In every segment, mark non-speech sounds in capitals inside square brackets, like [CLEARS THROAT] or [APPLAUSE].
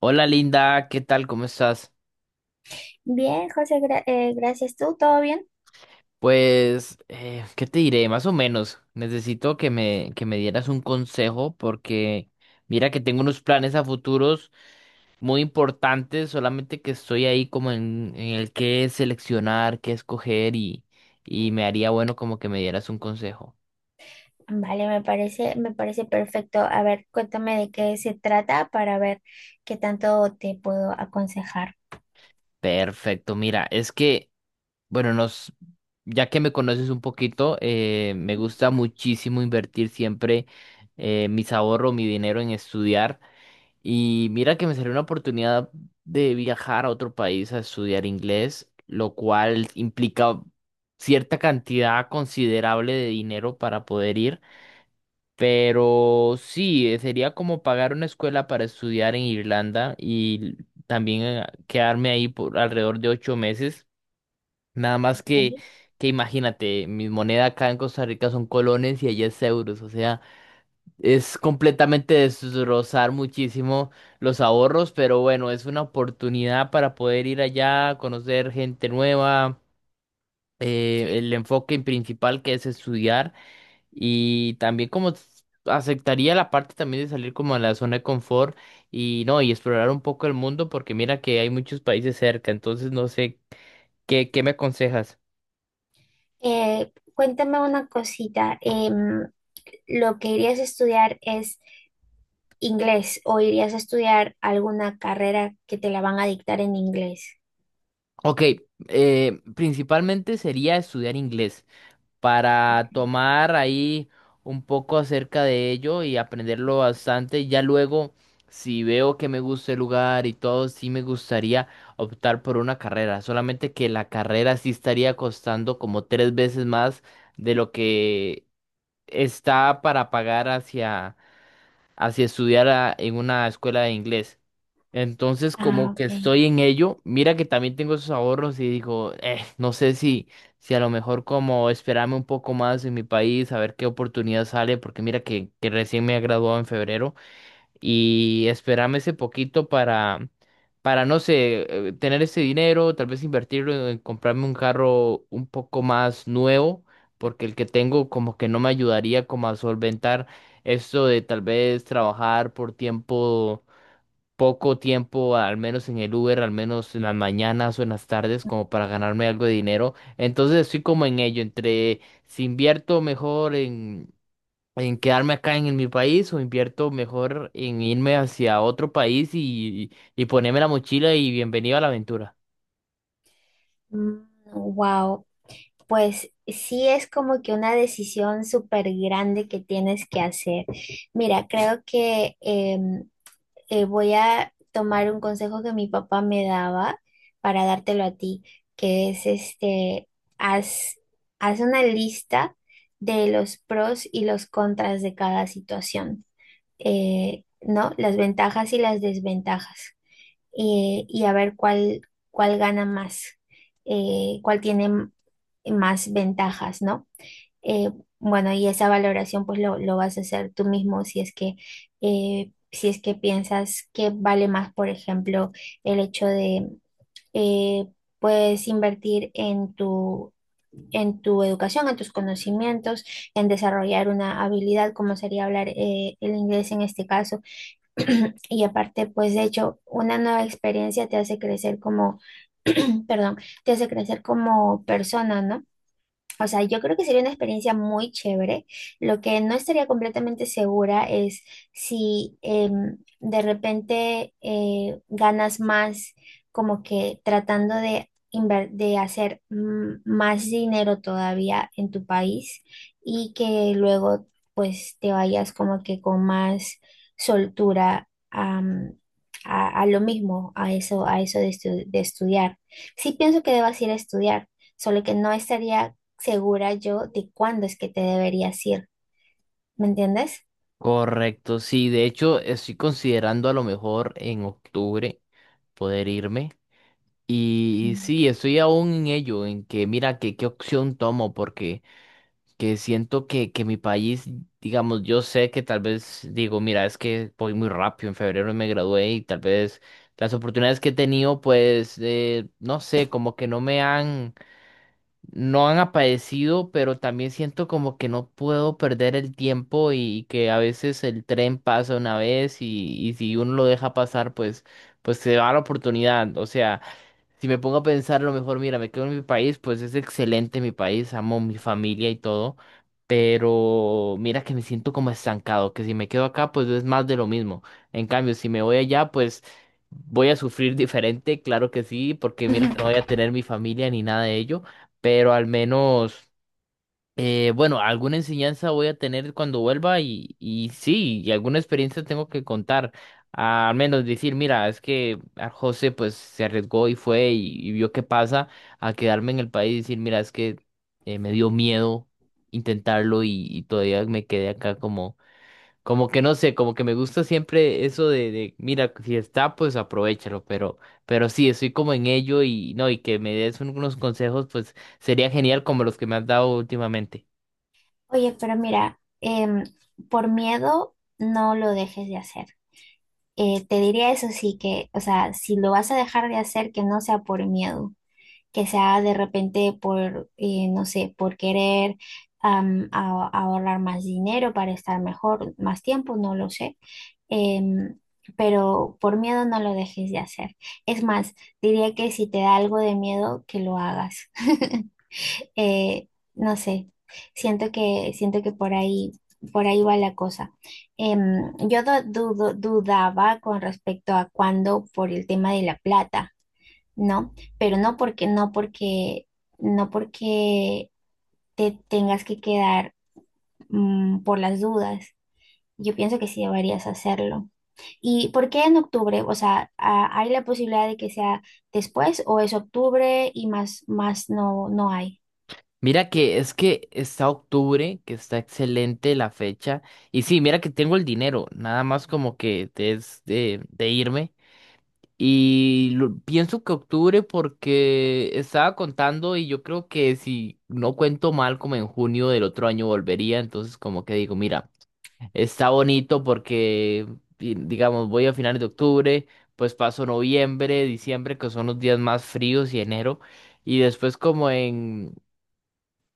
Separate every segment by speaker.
Speaker 1: Hola Linda, ¿qué tal? ¿Cómo estás?
Speaker 2: Bien, José, gracias. ¿Tú? ¿Todo bien?
Speaker 1: Pues, ¿qué te diré? Más o menos. Necesito que me dieras un consejo porque mira que tengo unos planes a futuros muy importantes, solamente que estoy ahí como en el qué seleccionar, qué escoger y me haría bueno como que me dieras un consejo.
Speaker 2: Vale, me parece perfecto. A ver, cuéntame de qué se trata para ver qué tanto te puedo aconsejar.
Speaker 1: Perfecto, mira, es que, bueno, ya que me conoces un poquito, me gusta muchísimo invertir siempre mis ahorros, mi dinero en estudiar. Y mira que me salió una oportunidad de viajar a otro país a estudiar inglés, lo cual implica cierta cantidad considerable de dinero para poder ir. Pero sí, sería como pagar una escuela para estudiar en Irlanda y también quedarme ahí por alrededor de 8 meses. Nada más que,
Speaker 2: Ok.
Speaker 1: que imagínate, mi moneda acá en Costa Rica son colones y allá es euros. O sea, es completamente destrozar muchísimo los ahorros, pero bueno, es una oportunidad para poder ir allá, conocer gente nueva, el enfoque principal que es estudiar y también como aceptaría la parte también de salir como a la zona de confort y no, y explorar un poco el mundo porque mira que hay muchos países cerca, entonces no sé, ¿qué me aconsejas?
Speaker 2: Cuéntame una cosita. ¿Lo que irías a estudiar es inglés o irías a estudiar alguna carrera que te la van a dictar en inglés?
Speaker 1: Ok, principalmente sería estudiar inglés para tomar ahí un poco acerca de ello y aprenderlo bastante. Ya luego, si veo que me gusta el lugar y todo, sí me gustaría optar por una carrera. Solamente que la carrera sí estaría costando como 3 veces más de lo que está para pagar hacia estudiar en una escuela de inglés. Entonces, como
Speaker 2: Ah,
Speaker 1: que
Speaker 2: ok.
Speaker 1: estoy en ello, mira que también tengo esos ahorros y digo, no sé si a lo mejor como esperarme un poco más en mi país, a ver qué oportunidad sale, porque mira que recién me he graduado en febrero y esperarme ese poquito para no sé, tener ese dinero, tal vez invertirlo en comprarme un carro un poco más nuevo, porque el que tengo como que no me ayudaría como a solventar esto de tal vez trabajar por tiempo poco tiempo, al menos en el Uber, al menos en las mañanas o en las tardes, como para ganarme algo de dinero. Entonces estoy como en ello, entre si invierto mejor en quedarme acá en mi país o invierto mejor en irme hacia otro país y ponerme la mochila y bienvenido a la aventura.
Speaker 2: Wow. Pues sí es como que una decisión súper grande que tienes que hacer. Mira, creo que voy a tomar un consejo que mi papá me daba para dártelo a ti, que es este, haz, haz una lista de los pros y los contras de cada situación, ¿no? Las ventajas y las desventajas, y a ver cuál gana más, eh, cuál tiene m- más ventajas, ¿no? Eh, bueno, y esa valoración pues lo vas a hacer tú mismo si es que, si es que piensas que vale más, por ejemplo, el hecho de... eh, puedes invertir en en tu educación, en tus conocimientos, en desarrollar una habilidad como sería hablar el inglés en este caso. [CLEARS THROAT] Y aparte, pues de hecho, una nueva experiencia te hace crecer como, perdón, te hace crecer como persona, ¿no? O sea, yo creo que sería una experiencia muy chévere. Lo que no estaría completamente segura es si de repente ganas más como que tratando de hacer más dinero todavía en tu país y que luego pues te vayas como que con más soltura a lo mismo, a eso, a eso de estudiar. Sí pienso que debas ir a estudiar, solo que no estaría segura yo de cuándo es que te deberías ir, ¿me entiendes?
Speaker 1: Correcto, sí, de hecho estoy considerando a lo mejor en octubre poder irme. Y
Speaker 2: Mm.
Speaker 1: sí, estoy aún en ello, en que mira que qué opción tomo, porque que siento que mi país, digamos, yo sé que tal vez digo, mira, es que voy muy rápido, en febrero me gradué y tal vez las oportunidades que he tenido, pues, no sé, como que no me han, no han aparecido, pero también siento como que no puedo perder el tiempo y, que a veces el tren pasa una vez y si uno lo deja pasar, pues se va la oportunidad, o sea. Si me pongo a pensar, a lo mejor, mira, me quedo en mi país, pues es excelente mi país, amo mi familia y todo, pero mira que me siento como estancado, que si me quedo acá, pues es más de lo mismo. En cambio, si me voy allá, pues voy a sufrir diferente, claro que sí, porque mira que no
Speaker 2: Ujú.
Speaker 1: voy a tener mi familia ni nada de ello, pero al menos. Bueno, alguna enseñanza voy a tener cuando vuelva y sí, y alguna experiencia tengo que contar. Ah, al menos decir, mira, es que a José pues se arriesgó y fue y vio qué pasa a quedarme en el país y decir, mira, es que me dio miedo intentarlo y todavía me quedé acá como que no sé, como que me gusta siempre eso de, mira, si está, pues aprovéchalo, pero sí, estoy como en ello y no, y que me des unos consejos, pues sería genial como los que me has dado últimamente.
Speaker 2: Oye, pero mira, por miedo no lo dejes de hacer. Te diría eso sí que, o sea, si lo vas a dejar de hacer, que no sea por miedo, que sea de repente por, no sé, por querer ahorrar más dinero para estar mejor, más tiempo, no lo sé. em, pero por miedo no lo dejes de hacer. Es más, diría que si te da algo de miedo, que lo hagas. [LAUGHS] Eh, no sé, siento que por por ahí va la cosa. Yo dudaba con respecto a cuándo por el tema de la plata, ¿no? Pero no porque te tengas que quedar, por las dudas. Yo pienso que sí deberías hacerlo. ¿Y por qué en octubre? O sea, ¿hay la posibilidad de que sea después o es octubre y más no, no hay?
Speaker 1: Mira que es que está octubre, que está excelente la fecha. Y sí, mira que tengo el dinero, nada más como que es de irme. Y pienso que octubre porque estaba contando y yo creo que si no cuento mal, como en junio del otro año volvería. Entonces como que digo, mira, está bonito porque, digamos, voy a finales de octubre, pues paso noviembre, diciembre, que son los días más fríos y enero. Y después como en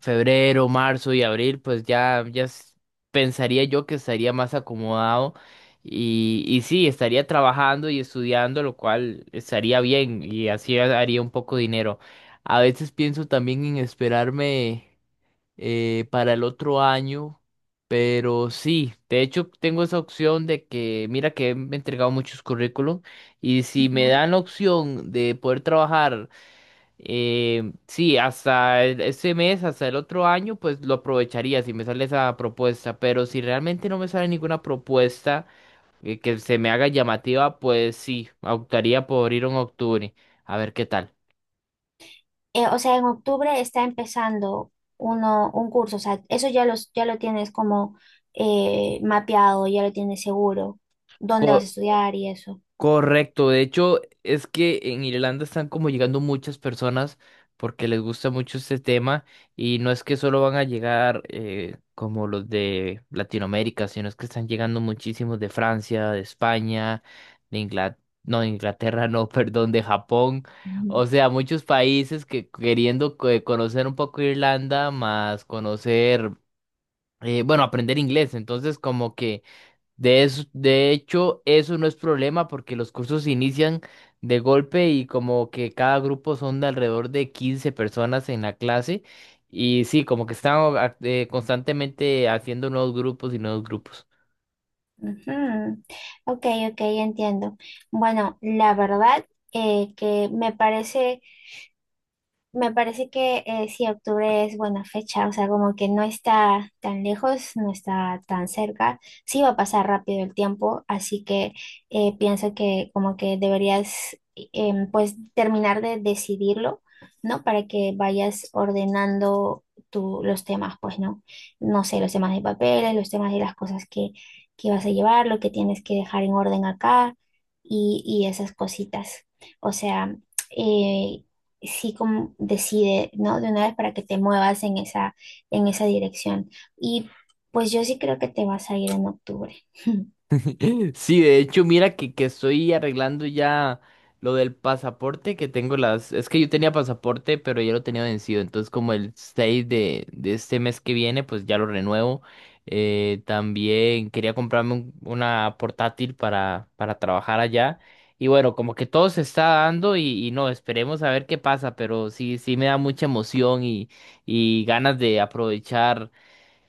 Speaker 1: febrero, marzo y abril, pues pensaría yo que estaría más acomodado y sí, estaría trabajando y estudiando, lo cual estaría bien y así haría un poco de dinero. A veces pienso también en esperarme para el otro año, pero sí, de hecho tengo esa opción de que, mira que me he entregado muchos currículum y si me
Speaker 2: Ya.
Speaker 1: dan la opción de poder trabajar sí, hasta este mes, hasta el otro año, pues lo aprovecharía si me sale esa propuesta, pero si realmente no me sale ninguna propuesta que se me haga llamativa, pues sí, optaría por ir en octubre, a ver qué tal.
Speaker 2: O sea, en octubre está empezando un curso, o sea, eso ya, ya lo tienes como mapeado, ya lo tienes seguro, dónde vas a estudiar y eso.
Speaker 1: Correcto, de hecho es que en Irlanda están como llegando muchas personas porque les gusta mucho este tema y no es que solo van a llegar como los de Latinoamérica, sino es que están llegando muchísimos de Francia, de España, de Inglaterra, no, de Inglaterra no, [LAUGHS] perdón, de Japón,
Speaker 2: Ujú.
Speaker 1: o sea, muchos países que queriendo conocer un poco Irlanda, más conocer, bueno, aprender inglés, entonces como que de de hecho, eso no es problema porque los cursos inician de golpe y como que cada grupo son de alrededor de 15 personas en la clase y sí, como que están constantemente haciendo nuevos grupos y nuevos grupos.
Speaker 2: Ujú. Ok, ok, entiendo. Bueno, la verdad que me parece me parece que sí, octubre es buena fecha, o sea, como que no está tan lejos, no está tan cerca, sí va a pasar rápido el tiempo, así que pienso que como que deberías pues terminar de decidirlo, ¿no? Para que vayas ordenando los temas, pues, ¿no? No sé, los temas de papeles, los temas de las cosas que vas a llevar, lo que tienes que dejar en orden acá y esas cositas, o sea... eh, sí, como decide, ¿no? De una vez para que te muevas en en esa dirección. Y pues yo sí creo que te vas a ir en octubre. [LAUGHS]
Speaker 1: [LAUGHS] Sí, de hecho, mira que estoy arreglando ya lo del pasaporte que tengo Es que yo tenía pasaporte, pero ya lo tenía vencido. Entonces, como el 6 de este mes que viene, pues ya lo renuevo. También quería comprarme una portátil para trabajar allá. Y bueno, como que todo se está dando y no, esperemos a ver qué pasa, pero sí, sí me da mucha emoción y ganas de aprovechar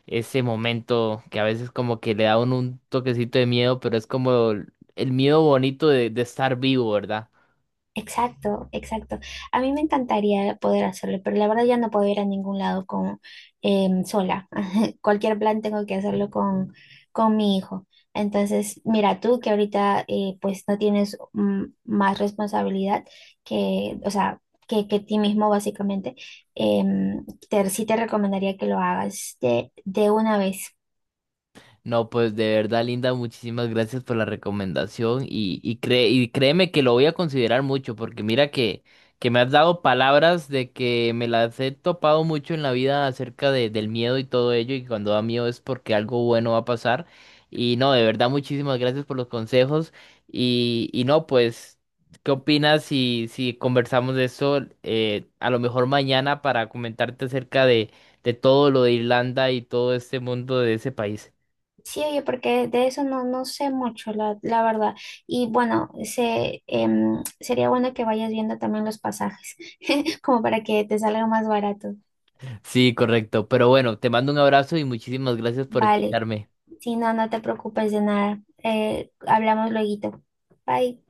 Speaker 1: ese momento que a veces como que le da a uno un toquecito de miedo, pero es como el miedo bonito de estar vivo, ¿verdad?
Speaker 2: Exacto, exacto. A mí me encantaría poder hacerlo, pero la verdad ya no puedo ir a ningún lado con, sola. Cualquier plan tengo que hacerlo con mi hijo. Entonces, mira, tú que ahorita pues no tienes más responsabilidad que, o sea, que ti mismo básicamente, sí te recomendaría que lo hagas de una vez.
Speaker 1: No, pues de verdad, Linda, muchísimas gracias por la recomendación y créeme que lo voy a considerar mucho porque mira que me has dado palabras de que me las he topado mucho en la vida acerca del miedo y todo ello y cuando da miedo es porque algo bueno va a pasar y no, de verdad, muchísimas gracias por los consejos y no, pues, ¿qué opinas si conversamos de eso a lo mejor mañana para comentarte acerca de todo lo de Irlanda y todo este mundo de ese país?
Speaker 2: Sí, oye, porque de eso no, no sé mucho, la verdad. Y bueno, sería bueno que vayas viendo también los pasajes, [LAUGHS] como para que te salga más barato.
Speaker 1: Sí, correcto. Pero bueno, te mando un abrazo y muchísimas gracias por
Speaker 2: Vale.
Speaker 1: escucharme.
Speaker 2: Si no, no te preocupes de nada. Hablamos lueguito. Bye.